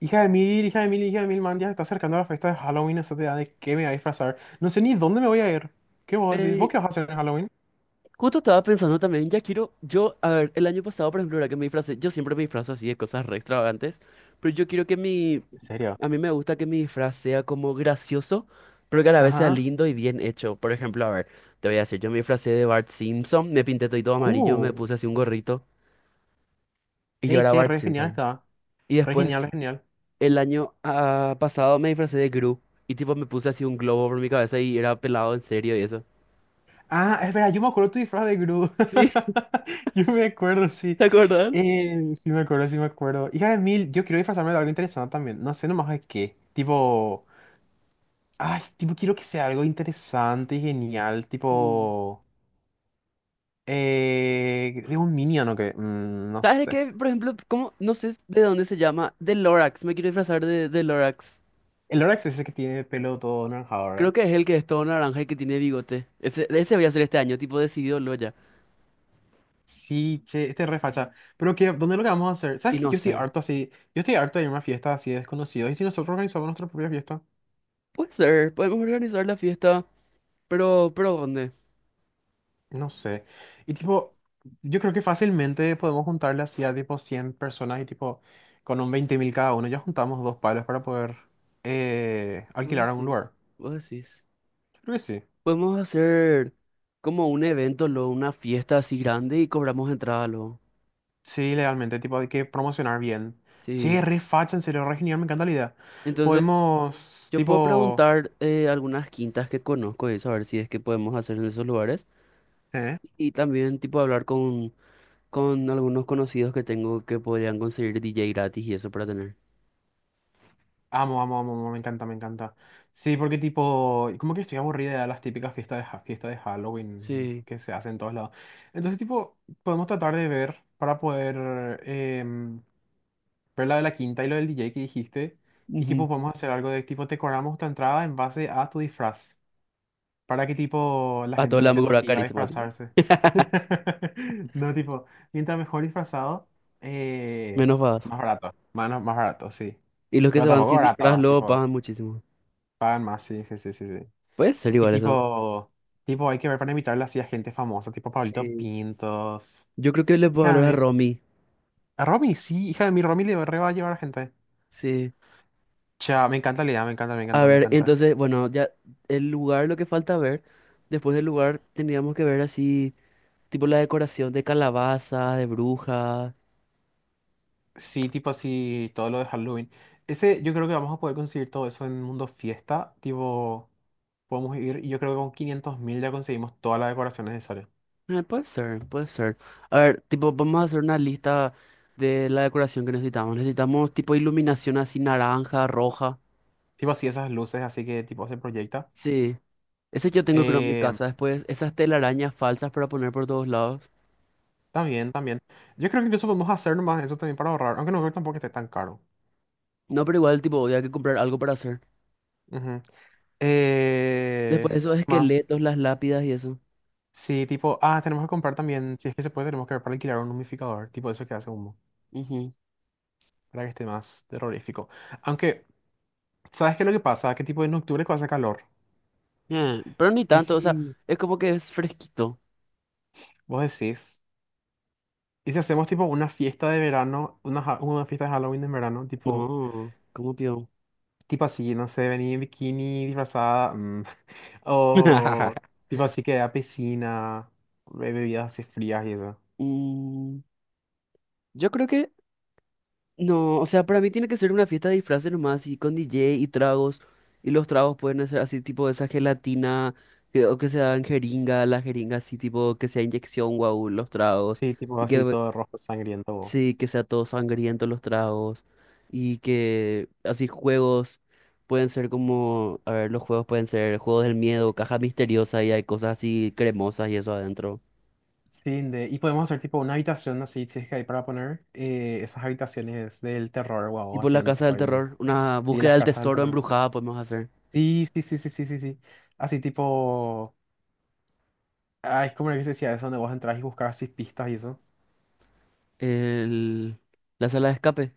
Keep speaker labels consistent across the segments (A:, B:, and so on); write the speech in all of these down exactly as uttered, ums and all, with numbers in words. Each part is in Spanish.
A: Hija de mil, hija de mil, hija de mil, man, ya se está acercando la fiesta de Halloween, esa te da de qué me voy a disfrazar. No sé ni dónde me voy a ir. ¿Qué vos decís? ¿Vos
B: Ey,
A: qué vas a hacer en Halloween?
B: justo estaba pensando también, ya quiero, yo, a ver, el año pasado, por ejemplo, era que me disfracé, yo siempre me disfrazo así de cosas re extravagantes, pero yo quiero que mi,
A: ¿En serio?
B: a mí me gusta que mi disfraz sea como gracioso, pero que a la vez sea
A: Ajá.
B: lindo y bien hecho. Por ejemplo, a ver, te voy a decir, yo me disfracé de Bart Simpson, me pinté todo amarillo, me
A: Uh.
B: puse así un gorrito y yo
A: Ey,
B: era
A: che,
B: Bart
A: re genial
B: Simpson.
A: está.
B: Y
A: Re genial,
B: después,
A: re genial.
B: el año ah, pasado me disfracé de Gru y tipo me puse así un globo por mi cabeza y era pelado en serio y eso.
A: Ah, espera, yo me acuerdo tu disfraz de Gru.
B: ¿Sí?
A: Yo me acuerdo, sí.
B: ¿Te acuerdas?
A: Eh, sí me acuerdo, sí me acuerdo. Hija de mil, yo quiero disfrazarme de algo interesante también. No sé nomás de qué. Tipo... Ay, tipo, quiero que sea algo interesante y genial. Tipo... Eh, es un minion o qué. Mm, no
B: ¿Sabes de
A: sé.
B: qué? Por ejemplo, ¿cómo? No sé de dónde se llama. De Lorax. Me quiero disfrazar de, de Lorax.
A: El Orax es ese que tiene pelo todo naranjado,
B: Creo
A: ¿verdad?
B: que es el que es todo naranja y que tiene bigote. Ese, ese voy a hacer este año, tipo decidido lo ya.
A: Sí, che, este es re facha. Pero que, ¿dónde lo que vamos a hacer?
B: Y
A: ¿Sabes que
B: no
A: yo estoy
B: sé.
A: harto así? Yo estoy harto de ir a una fiesta así de desconocidos. ¿Y si nosotros organizamos nuestra propia fiesta?
B: Puede ser, podemos organizar la fiesta. Pero, pero ¿dónde?
A: No sé. Y tipo, yo creo que fácilmente podemos juntarle así a tipo cien personas y tipo, con un veinte mil cada uno, ya juntamos dos palos para poder eh,
B: Vos
A: alquilar a un
B: decís,
A: lugar.
B: vos decís.
A: Yo creo que sí.
B: Podemos hacer como un evento, luego una fiesta así grande y cobramos entrada luego.
A: Sí, legalmente, tipo, hay que promocionar bien. Che,
B: Sí.
A: re facha, en serio, re genial, me encanta la idea.
B: Entonces,
A: Podemos,
B: yo puedo
A: tipo...
B: preguntar eh, algunas quintas que conozco y eso, a ver si es que podemos hacer en esos lugares.
A: ¿Eh?
B: Y también, tipo, hablar con con algunos conocidos que tengo que podrían conseguir D J gratis y eso para tener.
A: Amo, amo, amo, amo, me encanta, me encanta. Sí, porque tipo, como que estoy aburrida de las típicas fiestas de, ha- fiestas de Halloween
B: Sí.
A: que se hacen en todos lados. Entonces, tipo, podemos tratar de ver para poder em, ver la de la quinta y lo del D J que dijiste. Y tipo,
B: Ujú.
A: podemos hacer algo de tipo, decoramos tu entrada en base a tu disfraz, para que tipo la
B: A
A: gente
B: todos
A: también
B: les
A: se
B: vamos a
A: motiva a
B: carísimo así.
A: disfrazarse. No, tipo, mientras mejor disfrazado, eh,
B: Menos pagas.
A: más barato, más, no, más barato, sí.
B: Y los que se
A: Pero
B: van
A: tampoco
B: sin disfraz
A: barato,
B: luego
A: tipo,
B: pagan muchísimo.
A: pagan más, sí, sí, sí, sí, sí.
B: Puede ser
A: Y
B: igual eso.
A: tipo, tipo, hay que ver para invitarle así a gente famosa, tipo Pablito
B: Sí.
A: Pintos.
B: Yo creo que le puedo
A: Hija
B: hablar a
A: de mí.
B: Romy.
A: A Romy, sí, hija de mí, Romy le re va a llevar a gente.
B: Sí.
A: Chao, me encanta la idea, me encanta, me
B: A
A: encanta, me
B: ver,
A: encanta.
B: entonces, bueno, ya el lugar, lo que falta ver. Después del lugar teníamos que ver así, tipo la decoración de calabazas, de brujas.
A: Sí, tipo así, todo lo de Halloween. Ese, yo creo que vamos a poder conseguir todo eso en Mundo Fiesta. Tipo, podemos ir, y yo creo que con 500 mil ya conseguimos toda la decoración necesaria.
B: Eh, puede ser, puede ser. A ver, tipo, vamos a hacer una lista de la decoración que necesitamos. Necesitamos tipo iluminación así naranja, roja.
A: Tipo así, esas luces, así que tipo se proyecta.
B: Sí, ese yo tengo creo en mi
A: Eh,
B: casa. Después, esas telarañas falsas para poner por todos lados.
A: También, también. Yo creo que incluso podemos hacer más eso también para ahorrar, aunque no creo tampoco que esté tan caro.
B: No, pero igual, tipo, había que comprar algo para hacer.
A: Ujú. Eh,
B: Después, esos
A: ¿Qué más?
B: esqueletos, las lápidas y eso.
A: Sí, tipo, ah, tenemos que comprar también, si es que se puede, tenemos que ver para alquilar un humidificador tipo eso que hace humo,
B: Ujú.
A: para que esté más terrorífico. Aunque ¿sabes qué es lo que pasa? Que tipo en octubre que hace calor.
B: Eh, pero ni
A: ¿Y
B: tanto, o sea,
A: si
B: es como que es fresquito.
A: vos decís? ¿Y si hacemos tipo una fiesta de verano, una, ja- una fiesta de Halloween en verano? Tipo,
B: No, como peón.
A: tipo así, no sé, venir en bikini, disfrazada, mm, o tipo así que a piscina, be- bebidas así frías y eso.
B: Mm, yo creo que no, o sea, para mí tiene que ser una fiesta de disfraces nomás, y con D J y tragos. Y los tragos pueden ser así, tipo esa gelatina, que, o que se dan jeringa, la jeringa así, tipo que sea inyección, guau, los tragos.
A: Sí, tipo
B: Y
A: así
B: que
A: todo rojo sangriento.
B: sí, que sea todo sangriento los tragos. Y que así juegos pueden ser como, a ver, los juegos pueden ser juegos del miedo, caja misteriosa y hay cosas así cremosas y eso adentro.
A: Sí, de- y podemos hacer tipo una habitación así, si es que hay para poner eh, esas habitaciones del terror, guau,
B: Tipo
A: así
B: la
A: en
B: casa
A: tipo
B: del
A: ahí.
B: terror, una
A: Y
B: búsqueda
A: las
B: del
A: casas del
B: tesoro
A: terror.
B: embrujada podemos hacer.
A: Sí, sí, sí, sí, sí, sí, sí. Así tipo. Ah, es como lo que se decía, eso donde vos entras y buscas así pistas y eso.
B: El... La sala de escape.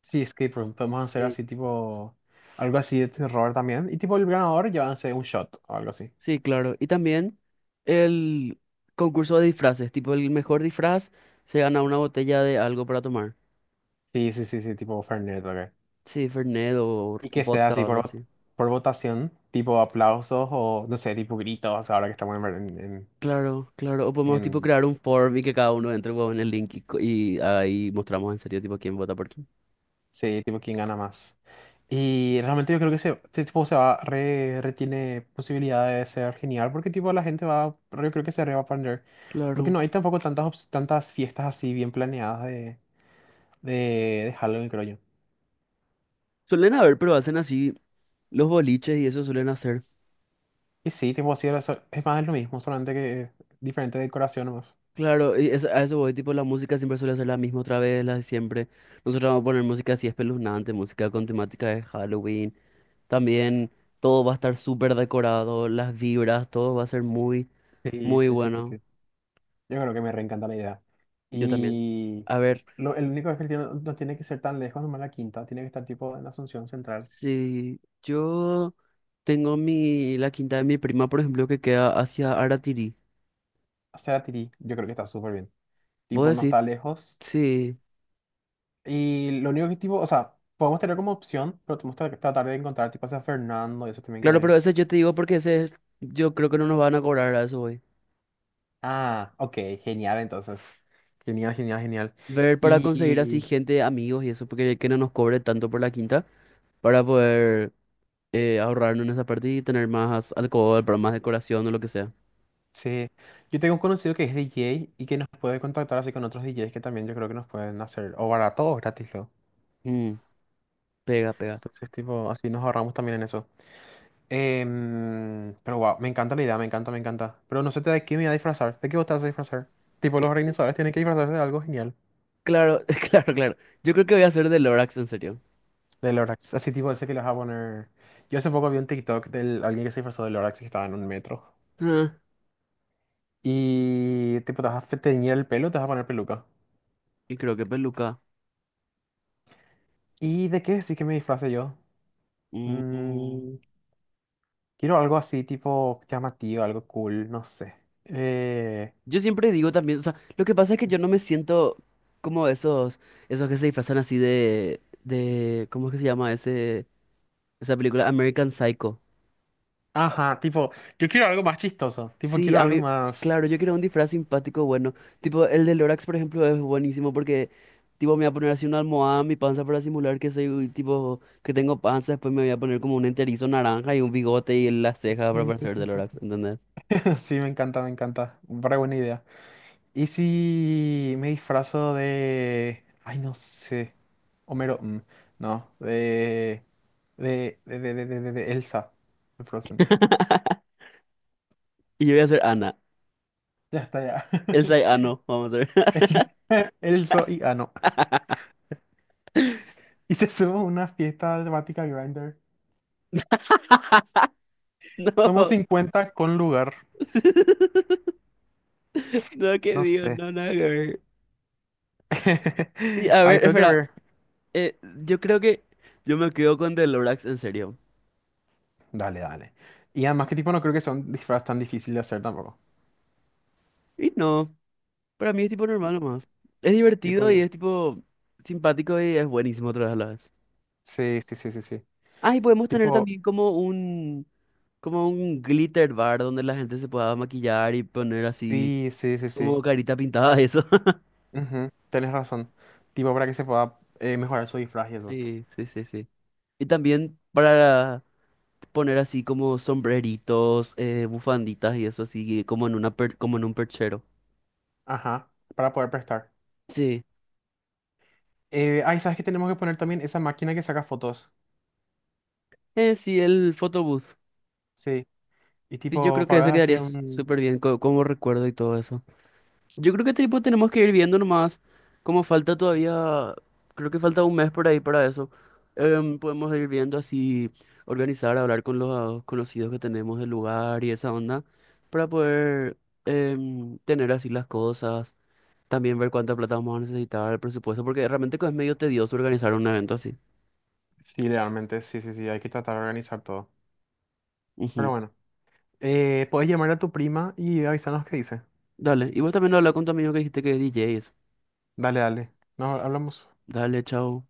A: Sí, escape room. Podemos hacer
B: Sí,
A: así tipo. Algo así de terror también. Y tipo el ganador llévanse un shot o algo así.
B: sí, claro. Y también el concurso de disfraces, tipo el mejor disfraz se gana una botella de algo para tomar.
A: Sí, sí, sí, sí, tipo Fernet, ok.
B: Sí, Fernet o
A: Y que sea
B: vodka o
A: así por,
B: algo
A: vot-
B: así.
A: por votación, tipo aplausos o no sé, tipo gritos, ahora que estamos en, en, en,
B: Claro, claro. O podemos tipo
A: en
B: crear un form y que cada uno entre huevón, en el link y, co- y ahí mostramos en serio tipo quién vota por quién.
A: Sí, tipo quién gana más. Y realmente yo creo que ese, este tipo se va, re, re tiene posibilidad de ser genial porque tipo la gente va, yo creo que se re va a aprender. Porque
B: Claro.
A: no hay tampoco tantas, ops- tantas fiestas así bien planeadas de, de, de Halloween, creo yo.
B: Suelen haber, pero hacen así los boliches y eso suelen hacer.
A: Y sí, tipo así, era eso- es más es lo mismo, solamente que diferente decoración nomás.
B: Claro, y eso- a eso voy, tipo la música siempre suele ser la misma otra vez, la de siempre. Nosotros vamos a poner música así espeluznante, música con temática de Halloween. También todo va a estar súper decorado, las vibras, todo va a ser muy,
A: Sí,
B: muy
A: sí, sí, sí, sí.
B: bueno.
A: Yo creo que me reencanta la idea.
B: Yo también.
A: Y
B: A ver,
A: lo, el único es que tiene- no tiene que ser tan lejos, nomás la quinta. Tiene que estar tipo en Asunción Central.
B: si yo tengo mi, la quinta de mi prima, por ejemplo, que queda hacia Aratiri.
A: Hacia Tirí, yo creo que está súper bien.
B: Vos
A: Tipo, no
B: decís,
A: está lejos.
B: sí.
A: Y lo único que tipo, o sea, podemos tener como opción, pero tenemos que tratar de encontrar tipo a Fernando y eso también creo
B: Claro,
A: yo.
B: pero ese yo te digo porque ese es- yo creo que no nos van a cobrar a eso hoy.
A: Ah, ok, genial entonces. Genial, genial, genial.
B: Ver para conseguir así
A: Y
B: gente, amigos y eso, porque que no nos cobre tanto por la quinta, para poder eh, ahorrarnos en esa parte y tener más alcohol, para más decoración o lo que sea.
A: sí, yo tengo un conocido que es D J y que nos puede contactar así con otros D Js que también yo creo que nos pueden hacer, o barato o gratis luego.
B: Mm, pega, pega.
A: Entonces, tipo, así nos ahorramos también en eso. Em, pero wow, me encanta la idea, me encanta, me encanta. Pero no sé de qué me voy a disfrazar, de qué vos te vas a disfrazar. Tipo, los organizadores tienen que disfrazarse de algo genial.
B: Claro, claro, claro. Yo creo que voy a hacer de Lorax, en serio.
A: De Lorax. Así tipo, ese que los va a poner. Yo hace poco vi un TikTok de alguien que se disfrazó de Lorax y que estaba en un metro.
B: Ah,
A: Y tipo, te vas a fe- teñir el pelo, te vas a poner peluca.
B: y creo que peluca.
A: ¿Y de qué sí que me disfrace yo?
B: Mm. Mm.
A: Mm, Quiero algo así, tipo llamativo, algo cool, no sé. Eh,
B: Yo siempre digo también, o sea, lo que pasa es que yo no me siento como esos, esos que se disfrazan así de, de, ¿cómo es que se llama ese, esa película? American Psycho.
A: ajá, tipo, yo quiero algo más chistoso. Tipo,
B: Sí,
A: quiero
B: a
A: algo
B: mí,
A: más.
B: claro, yo quiero un disfraz simpático bueno. Tipo, el de Lorax, por ejemplo, es buenísimo porque, tipo, me voy a poner así una almohada en mi panza para simular que soy, tipo, que tengo panza. Después me voy a poner como un enterizo naranja y un bigote y las cejas para
A: Sí, sí,
B: parecer
A: sí,
B: de
A: sí.
B: Lorax, ¿entendés?
A: Sí. Sí, me encanta, me encanta. Para buena idea. ¿Y si me disfrazo de...? Ay, no sé. Homero... mm, no, de... De, de, de, de, de, de- de Elsa. De Frozen.
B: Y yo voy a ser Ana.
A: Ya está, ya.
B: El Ano, vamos a ver.
A: Elsa, Elsa y... Ah, no. Y se suma una fiesta temática Grinder. Somos
B: No.
A: cincuenta con lugar.
B: No, que
A: No
B: Dios,
A: sé.
B: no, nada que ver. Y a
A: Ay,
B: ver,
A: tengo que
B: espera,
A: ver.
B: eh, yo creo que yo me quedo con The Lorax, en serio.
A: Dale, dale. Y además que tipo no creo que sea un disfraz tan difícil de hacer tampoco.
B: Y no. Para mí es tipo normal nomás. Es
A: Tipo,
B: divertido y
A: digo,
B: es tipo simpático y es buenísimo otra vez a la vez.
A: sí, sí, sí, sí, sí.
B: Ah, y podemos tener
A: Tipo,
B: también como un, como un glitter bar donde la gente se pueda maquillar y poner así
A: sí, sí, sí, sí.
B: como carita pintada, eso.
A: Ujú, tenés razón. Tipo, para que se pueda eh, mejorar su disfraz y eso.
B: Sí, sí, sí, sí. Y también para poner así como sombreritos, eh, bufanditas y eso así, como en una per- como en un perchero.
A: Ajá, para poder prestar.
B: Sí,
A: Eh, ay, ¿sabes qué tenemos que poner también? Esa máquina que saca fotos.
B: eh, sí, el photobooth.
A: Sí. Y
B: Sí, yo
A: tipo,
B: creo que
A: pagas
B: ese
A: así
B: quedaría s-
A: un...
B: súper bien co- como recuerdo y todo eso. Yo creo que tipo tenemos que ir viendo nomás, como falta todavía, creo que falta un mes por ahí para eso. Em, podemos ir viendo así, organizar, hablar con los conocidos que tenemos del lugar y esa onda, para poder em, tener así las cosas, también ver cuánta plata vamos a necesitar, el presupuesto, porque realmente es medio tedioso organizar un evento así.
A: Sí, realmente, sí, sí, sí, hay que tratar de organizar todo. Pero
B: Ujú.
A: bueno, eh, puedes llamar a tu prima y avisarnos qué dice.
B: Dale, y vos también habla con tu amigo que dijiste que es D J, y
A: Dale, dale. Nos hablamos.
B: dale, chao.